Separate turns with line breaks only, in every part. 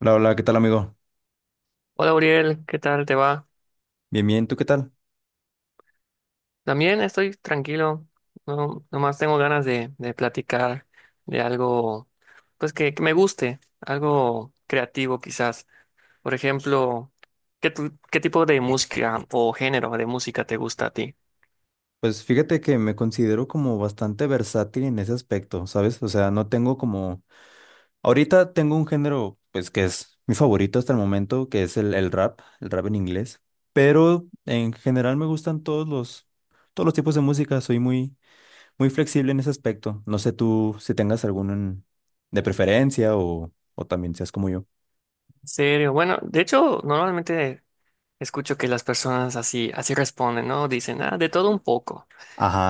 Hola, hola, ¿qué tal, amigo?
Hola Uriel, ¿qué tal te va?
Bien, bien, ¿tú qué tal?
También estoy tranquilo, no, nomás tengo ganas de platicar de algo, pues que me guste, algo creativo quizás. Por ejemplo, qué tipo de música o género de música te gusta a ti?
Pues fíjate que me considero como bastante versátil en ese aspecto, ¿sabes? O sea, no tengo como. Ahorita tengo un género, pues, que es mi favorito hasta el momento, que es el rap en inglés. Pero en general me gustan todos los tipos de música, soy muy, muy flexible en ese aspecto. No sé tú si tengas alguno de preferencia o también seas como yo.
¿En serio? Bueno, de hecho, normalmente escucho que las personas así responden, ¿no? Dicen, ah, de todo un poco.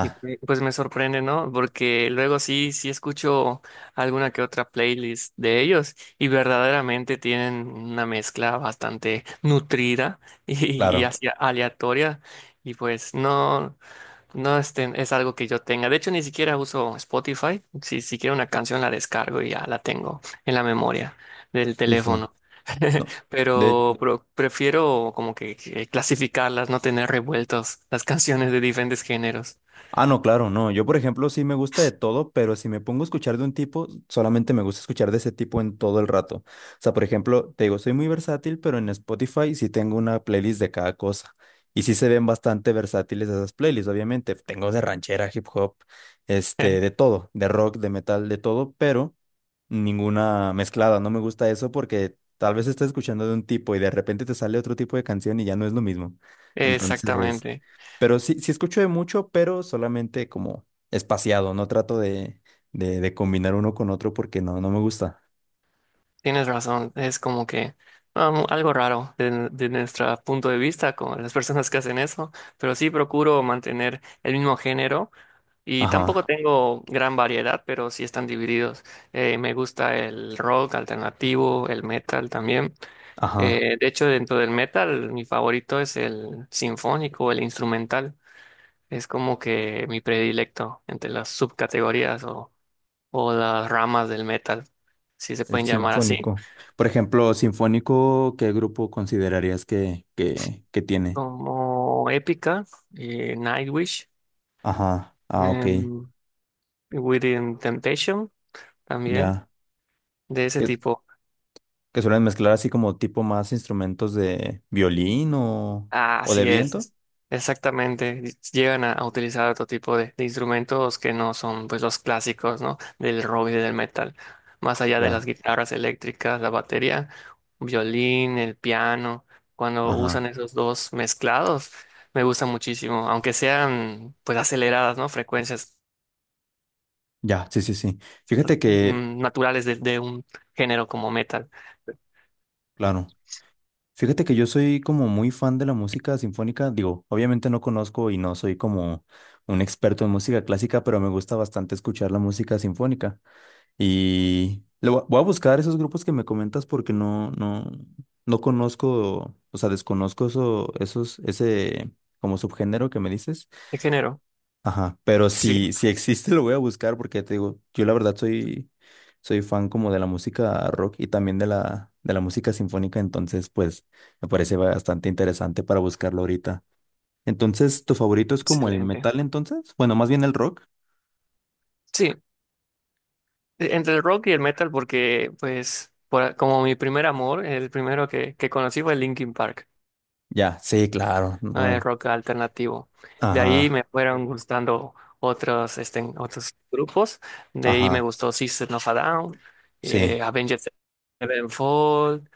Y pues me sorprende, ¿no? Porque luego sí escucho alguna que otra playlist de ellos y verdaderamente tienen una mezcla bastante nutrida y
claro.
así aleatoria. Y pues no, es algo que yo tenga. De hecho, ni siquiera uso Spotify. Si quiero una canción, la descargo y ya la tengo en la memoria del
Sí, sí.
teléfono.
No. de
Pero, prefiero como que clasificarlas, no tener revueltos las canciones de diferentes géneros.
Ah, no, claro, no. Yo, por ejemplo, sí me gusta de todo, pero si me pongo a escuchar de un tipo, solamente me gusta escuchar de ese tipo en todo el rato. O sea, por ejemplo, te digo, soy muy versátil, pero en Spotify sí tengo una playlist de cada cosa. Y sí se ven bastante versátiles esas playlists, obviamente. Tengo de ranchera, hip hop, de todo, de rock, de metal, de todo, pero ninguna mezclada. No me gusta eso porque tal vez estás escuchando de un tipo y de repente te sale otro tipo de canción y ya no es lo mismo. Entonces.
Exactamente,
Pero sí, sí escucho de mucho, pero solamente como espaciado. No trato de, de combinar uno con otro porque no, no me gusta.
tienes razón, es como que algo raro de nuestro punto de vista con las personas que hacen eso, pero sí procuro mantener el mismo género y tampoco
Ajá,
tengo gran variedad, pero sí están divididos. Me gusta el rock alternativo, el metal también.
ajá.
De hecho, dentro del metal, mi favorito es el sinfónico, el instrumental. Es como que mi predilecto entre las subcategorías o las ramas del metal, si se
El
pueden llamar así,
sinfónico. Por ejemplo, sinfónico, ¿qué grupo considerarías que, que tiene?
como Epica, Nightwish,
Ajá. Ah, ok.
em, Within Temptation, también
Ya.
de ese
Que,
tipo.
que suelen mezclar así como tipo más instrumentos de violín o,
Ah,
o de
así es,
viento.
es- exactamente. Llegan a utilizar otro tipo de instrumentos que no son pues los clásicos, ¿no? Del rock y del metal. Más allá de las
Ya.
guitarras eléctricas, la batería, violín, el piano. Cuando usan
Ajá.
esos dos mezclados, me gusta muchísimo, aunque sean pues aceleradas, ¿no? Frecuencias
Ya. Sí, sí, sí. Fíjate que,
naturales de un género como metal.
claro. Fíjate que yo soy como muy fan de la música sinfónica. Digo, obviamente no conozco y no soy como un experto en música clásica, pero me gusta bastante escuchar la música sinfónica. Y le voy a buscar esos grupos que me comentas porque no conozco, o sea, desconozco eso, esos, ese como subgénero que me dices.
¿Qué género?
Ajá, pero
Sí,
si existe lo voy a buscar porque te digo, yo la verdad soy fan como de la música rock y también de la música sinfónica, entonces pues me parece bastante interesante para buscarlo ahorita. Entonces, ¿tu favorito es como el
excelente.
metal entonces? Bueno, más bien el rock.
Sí. Entre el rock y el metal, porque, pues, por como mi primer amor, el primero que conocí fue Linkin Park,
Ya, sí, claro,
ah, el
no.
rock alternativo. De ahí me
Ajá,
fueron gustando otros, este, otros grupos. De ahí me
ajá,
gustó System of a Down,
sí.
Avenged Sevenfold,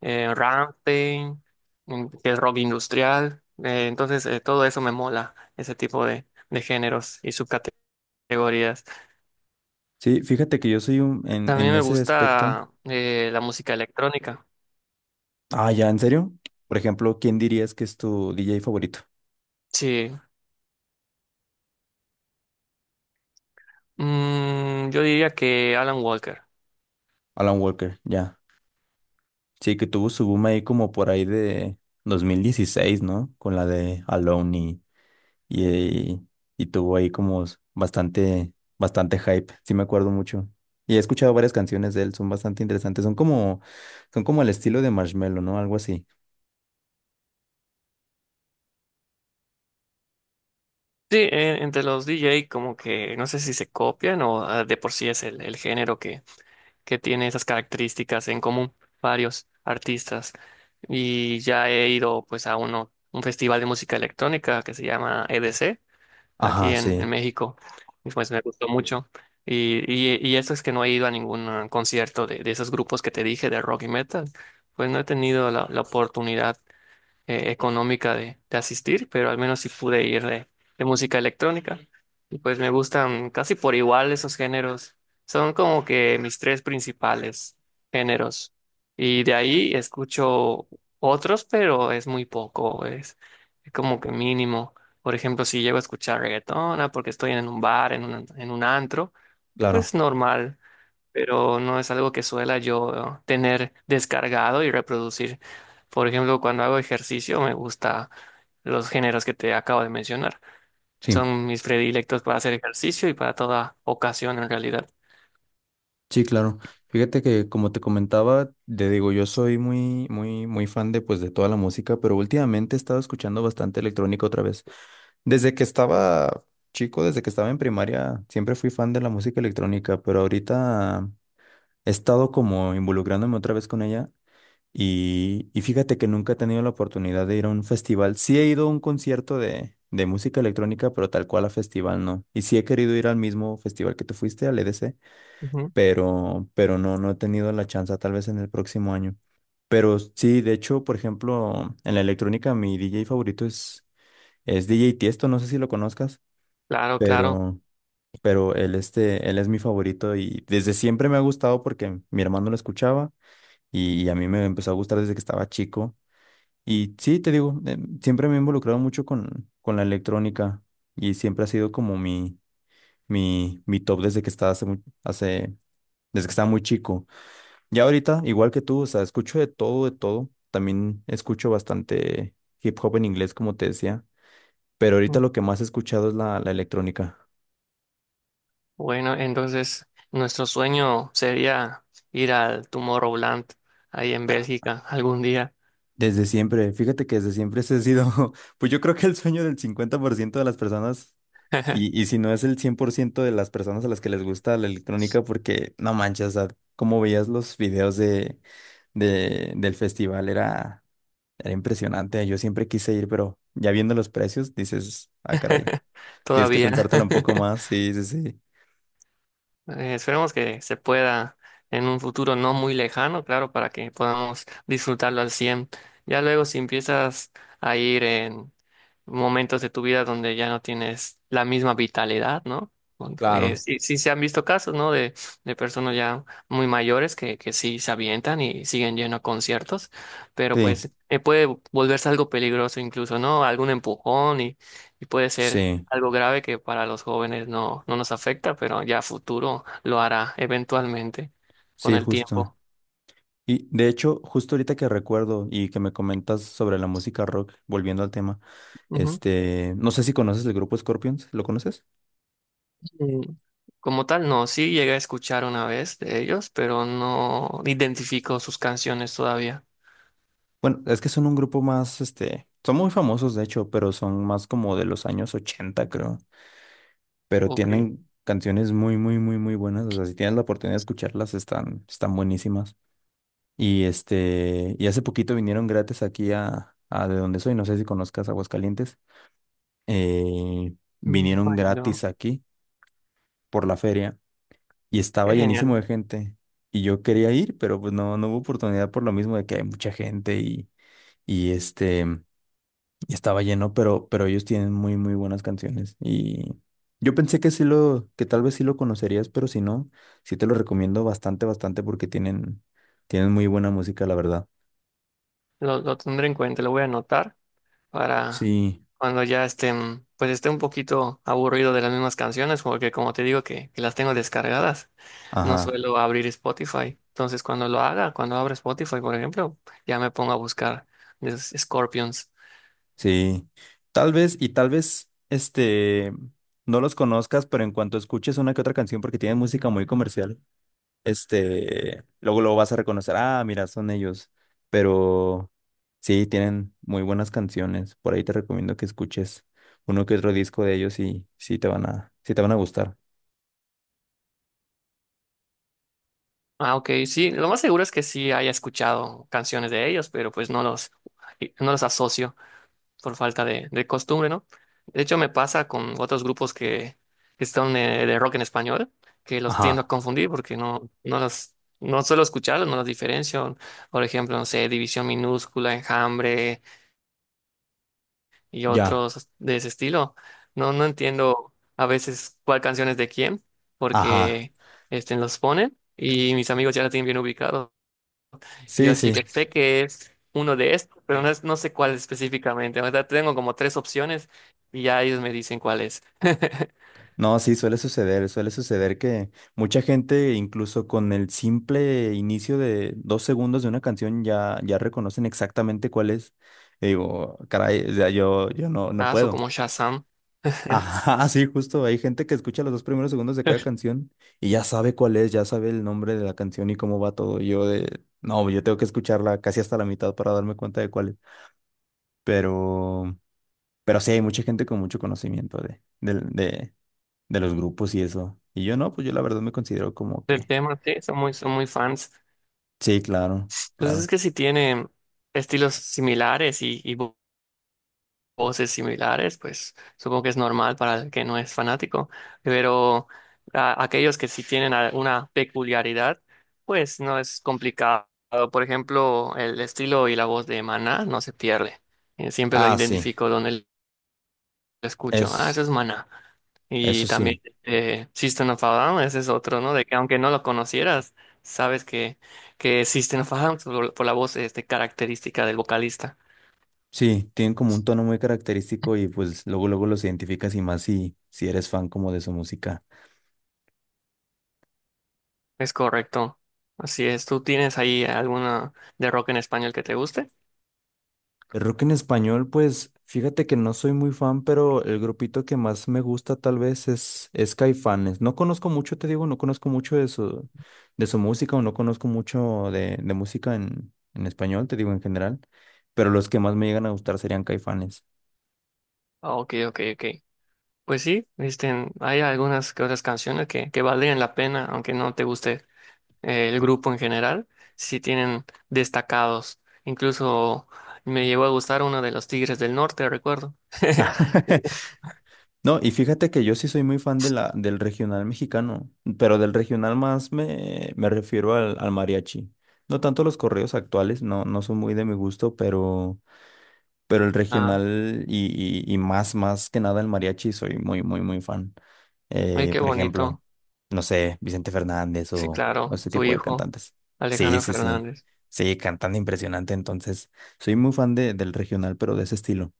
Rammstein, que es rock industrial. Entonces, todo eso me mola, ese tipo de géneros y subcategorías.
Sí, fíjate que yo soy un, en,
También
en
me
ese aspecto.
gusta la música electrónica.
Ah, ya, ¿en serio? Por ejemplo, ¿quién dirías que es tu DJ favorito?
Sí, yo diría que Alan Walker.
Alan Walker, ya. Sí, que tuvo su boom ahí como por ahí de 2016, ¿no? Con la de Alone y, y tuvo ahí como bastante, bastante hype, sí me acuerdo mucho. Y he escuchado varias canciones de él, son bastante interesantes, son como el estilo de Marshmello, ¿no? Algo así.
Sí, entre los DJ como que no sé si se copian o ah, de por sí es el género que tiene esas características en común varios artistas. Y ya he ido pues a uno, un festival de música electrónica que se llama EDC aquí
Ajá,
en
sí,
México y pues me gustó mucho. Y eso es que no he ido a ningún ah, concierto de esos grupos que te dije de rock y metal. Pues no he tenido la la oportunidad. Económica de asistir, pero al menos sí pude ir de música electrónica. Y pues me gustan casi por igual esos géneros. Son como que mis tres principales géneros. Y de ahí escucho otros, pero es muy poco, es como que mínimo. Por ejemplo, si llego a escuchar reggaetona porque estoy en un bar, en un antro,
claro,
pues normal pero no es algo que suela yo tener descargado y reproducir. Por ejemplo, cuando hago ejercicio me gusta los géneros que te acabo de mencionar.
sí,
Son mis predilectos para hacer ejercicio y para toda ocasión en realidad.
sí, claro. Fíjate que como te comentaba, te digo, yo soy muy, muy, muy fan de pues de toda la música, pero últimamente he estado escuchando bastante electrónica otra vez. Desde que estaba chico, desde que estaba en primaria, siempre fui fan de la música electrónica, pero ahorita he estado como involucrándome otra vez con ella y fíjate que nunca he tenido la oportunidad de ir a un festival. Sí he ido a un concierto de música electrónica, pero tal cual a festival no. Y sí he querido ir al mismo festival que tú fuiste, al EDC,
Ujú.
pero no, no he tenido la chance, tal vez en el próximo año. Pero sí, de hecho, por ejemplo, en la electrónica mi DJ favorito es DJ Tiesto, no sé si lo conozcas
Claro, claro.
pero, pero él es mi favorito y desde siempre me ha gustado porque mi hermano lo escuchaba y a mí me empezó a gustar desde que estaba chico. Y sí, te digo, siempre me he involucrado mucho con la electrónica y siempre ha sido como mi top hace, desde que estaba muy chico. Ya ahorita, igual que tú, o sea, escucho de todo, de todo. También escucho bastante hip hop en inglés, como te decía, pero ahorita
Mm.
lo que más he escuchado es la electrónica.
Bueno, entonces nuestro sueño sería ir al Tomorrowland ahí en Bélgica algún día.
Desde siempre, fíjate que desde siempre ese ha sido, pues yo creo que el sueño del 50% de las personas, y si no es el 100% de las personas a las que les gusta la electrónica, porque no manches, o sea, como veías los videos del festival, era impresionante, yo siempre quise ir, pero ya viendo los precios, dices, ah, caray, tienes que
Todavía.
pensártela un poco más, sí, sí, sí.
Esperemos que se pueda en un futuro no muy lejano, claro, para que podamos disfrutarlo al 100. Ya luego si empiezas a ir en momentos de tu vida donde ya no tienes la misma vitalidad, ¿no?
Claro.
Sí, sí se han visto casos, ¿no? De personas ya muy mayores que sí se avientan y siguen yendo a conciertos, pero
Sí,
pues puede volverse algo peligroso incluso, ¿no? Algún empujón y puede ser
sí,
algo grave que para los jóvenes no, no nos afecta, pero ya a futuro lo hará eventualmente con
sí,
el
justo.
tiempo.
Y de hecho, justo ahorita que recuerdo y que me comentas sobre la música rock, volviendo al tema,
Ujú.
no sé si conoces el grupo Scorpions, ¿lo conoces?
Mm, Como tal, no, sí llegué a escuchar una vez de ellos, pero no identifico sus canciones todavía.
Bueno, es que son un grupo más, son muy famosos de hecho, pero son más como de los años 80 creo. Pero
Ok.
tienen canciones muy, muy, muy, muy buenas. O sea, si tienes la oportunidad de escucharlas, están buenísimas. Y hace poquito vinieron gratis aquí a de donde soy, no sé si conozcas Aguascalientes. Eh, Vinieron gratis
Bueno,
aquí por la feria y estaba
qué
llenísimo
genial.
de gente. Y yo quería ir, pero pues no, no hubo oportunidad por lo mismo de que hay mucha gente y este, y estaba lleno, pero ellos tienen muy, muy buenas canciones. Y yo pensé que tal vez sí lo conocerías, pero si no, sí te lo recomiendo bastante, bastante porque tienen muy buena música, la verdad.
Lo tendré en cuenta, lo voy a anotar para
Sí,
cuando ya estén, pues esté un poquito aburrido de las mismas canciones, porque como te digo que las tengo descargadas, no
ajá,
suelo abrir Spotify. Entonces, cuando lo haga, cuando abra Spotify, por ejemplo, ya me pongo a buscar de los Scorpions.
sí. Tal vez, no los conozcas, pero en cuanto escuches una que otra canción, porque tienen música muy comercial luego lo vas a reconocer, ah, mira, son ellos, pero sí, tienen muy buenas canciones, por ahí te recomiendo que escuches uno que otro disco de ellos y sí te van a, gustar.
Ah, ok, sí, lo más seguro es que sí haya escuchado canciones de ellos, pero pues no los, no los asocio por falta de costumbre, ¿no? De hecho, me pasa con otros grupos que son de rock en español, que los tiendo a
Ajá,
confundir porque no, no los, no suelo escucharlos, no los diferencio. Por ejemplo, no sé, División Minúscula, Enjambre y
ya,
otros de ese estilo. No, no entiendo a veces cuál canción es de quién,
ajá.
porque este, los ponen y mis amigos ya la tienen bien ubicado. Y yo
Sí,
así que
sí.
sé que es uno de estos, pero no, no sé cuál específicamente. O sea, tengo como tres opciones y ya ellos me dicen cuál es.
No, sí, suele suceder que mucha gente, incluso con el simple inicio de 2 segundos de una canción, ya, ya reconocen exactamente cuál es. Y digo, caray, o sea, yo no, no
Ah, o
puedo.
como Shazam
Ajá, sí, justo. Hay gente que escucha los 2 primeros segundos de cada canción y ya sabe cuál es, ya sabe el nombre de la canción y cómo va todo. No, yo tengo que escucharla casi hasta la mitad para darme cuenta de cuál es. Pero, pero sí, hay mucha gente con mucho conocimiento de los grupos y eso. Y yo no, pues yo la verdad me considero como
del
que,
tema, sí, son muy fans.
sí, claro,
Entonces es
claro.
que si tienen estilos similares y voces similares, pues supongo que es normal para el que no es fanático, pero aquellos que sí tienen alguna peculiaridad, pues no es complicado. Por ejemplo, el estilo y la voz de Maná no se pierde. Siempre lo
Ah, sí,
identifico donde lo escucho. Ah, eso es
es,
Maná. Y
eso
también
sí.
System of a Down, ese es otro, ¿no? De que aunque no lo conocieras, sabes que es System of a Down por la voz este, característica del vocalista.
Sí, tienen como un tono muy característico y pues luego luego los identificas y más si eres fan como de su música.
Es correcto. Así es. ¿Tú tienes ahí alguna de rock en español que te guste?
El rock en español, pues fíjate que no soy muy fan, pero el grupito que más me gusta tal vez es Caifanes. No conozco mucho, te digo, no conozco mucho de su música o no conozco mucho de música en español, te digo en general, pero los que más me llegan a gustar serían Caifanes.
Ah, ok, ok, ok. Pues sí, viste, hay algunas que otras canciones que valen la pena, aunque no te guste el grupo en general, sí tienen destacados. Incluso me llegó a gustar uno de los Tigres del Norte, recuerdo.
No, y fíjate que yo sí soy muy fan del regional mexicano, pero del regional más me refiero al mariachi. No tanto los correos actuales, no, no son muy de mi gusto, pero. Pero el
Ah,
regional y más, más que nada el mariachi, soy muy, muy, muy fan.
ay, qué
Por ejemplo,
bonito.
no sé, Vicente Fernández
Sí,
o
claro,
ese
su
tipo de
hijo,
cantantes. Sí,
Alejandro
sí, sí.
Fernández.
Sí, cantando impresionante. Entonces, soy muy fan del regional, pero de ese estilo.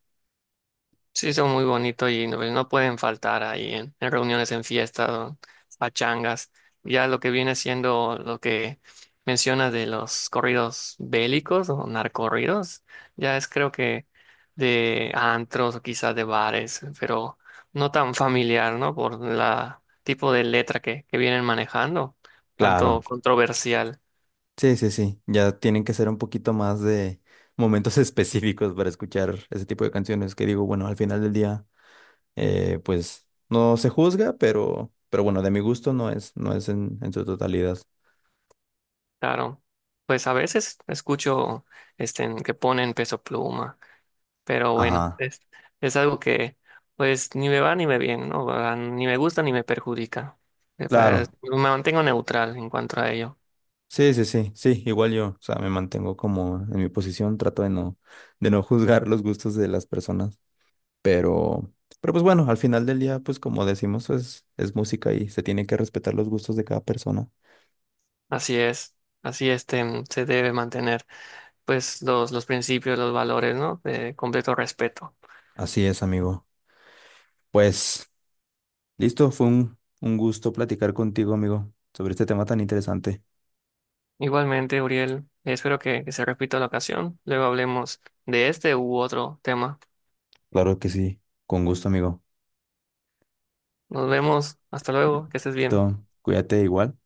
Sí, son muy bonitos y no, pues, no pueden faltar ahí en reuniones, en fiestas, o pachangas. Ya lo que viene siendo lo que mencionas de los corridos bélicos o narcorridos, ya es creo que de antros o quizás de bares, pero no tan familiar, ¿no? Por la tipo de letra que vienen manejando,
Claro.
tanto controversial.
Sí, sí, sí. Ya tienen que ser un poquito más de momentos específicos para escuchar ese tipo de canciones que digo, bueno, al final del día, pues no se juzga, pero bueno, de mi gusto no es en su totalidad.
Claro, pues a veces escucho este, en que ponen Peso Pluma, pero bueno,
Ajá,
es algo que pues ni me va ni me viene, ¿no? Va, ni me gusta ni me perjudica. Pues,
claro.
me mantengo neutral en cuanto a ello.
Sí, sí, sí, sí, igual yo, o sea, me mantengo como en mi posición, trato de no juzgar los gustos de las personas, pero, pero pues bueno, al final del día, pues como decimos, es música y se tienen que respetar los gustos de cada persona.
Así es, así este, se debe mantener pues los principios, los valores, ¿no? De completo respeto.
Así es, amigo. Pues, listo, fue un gusto platicar contigo, amigo, sobre este tema tan interesante.
Igualmente, Uriel, espero que se repita la ocasión. Luego hablemos de este u otro tema.
Claro que sí, con gusto, amigo.
Nos vemos, hasta luego, que estés bien.
Listo, cuídate igual.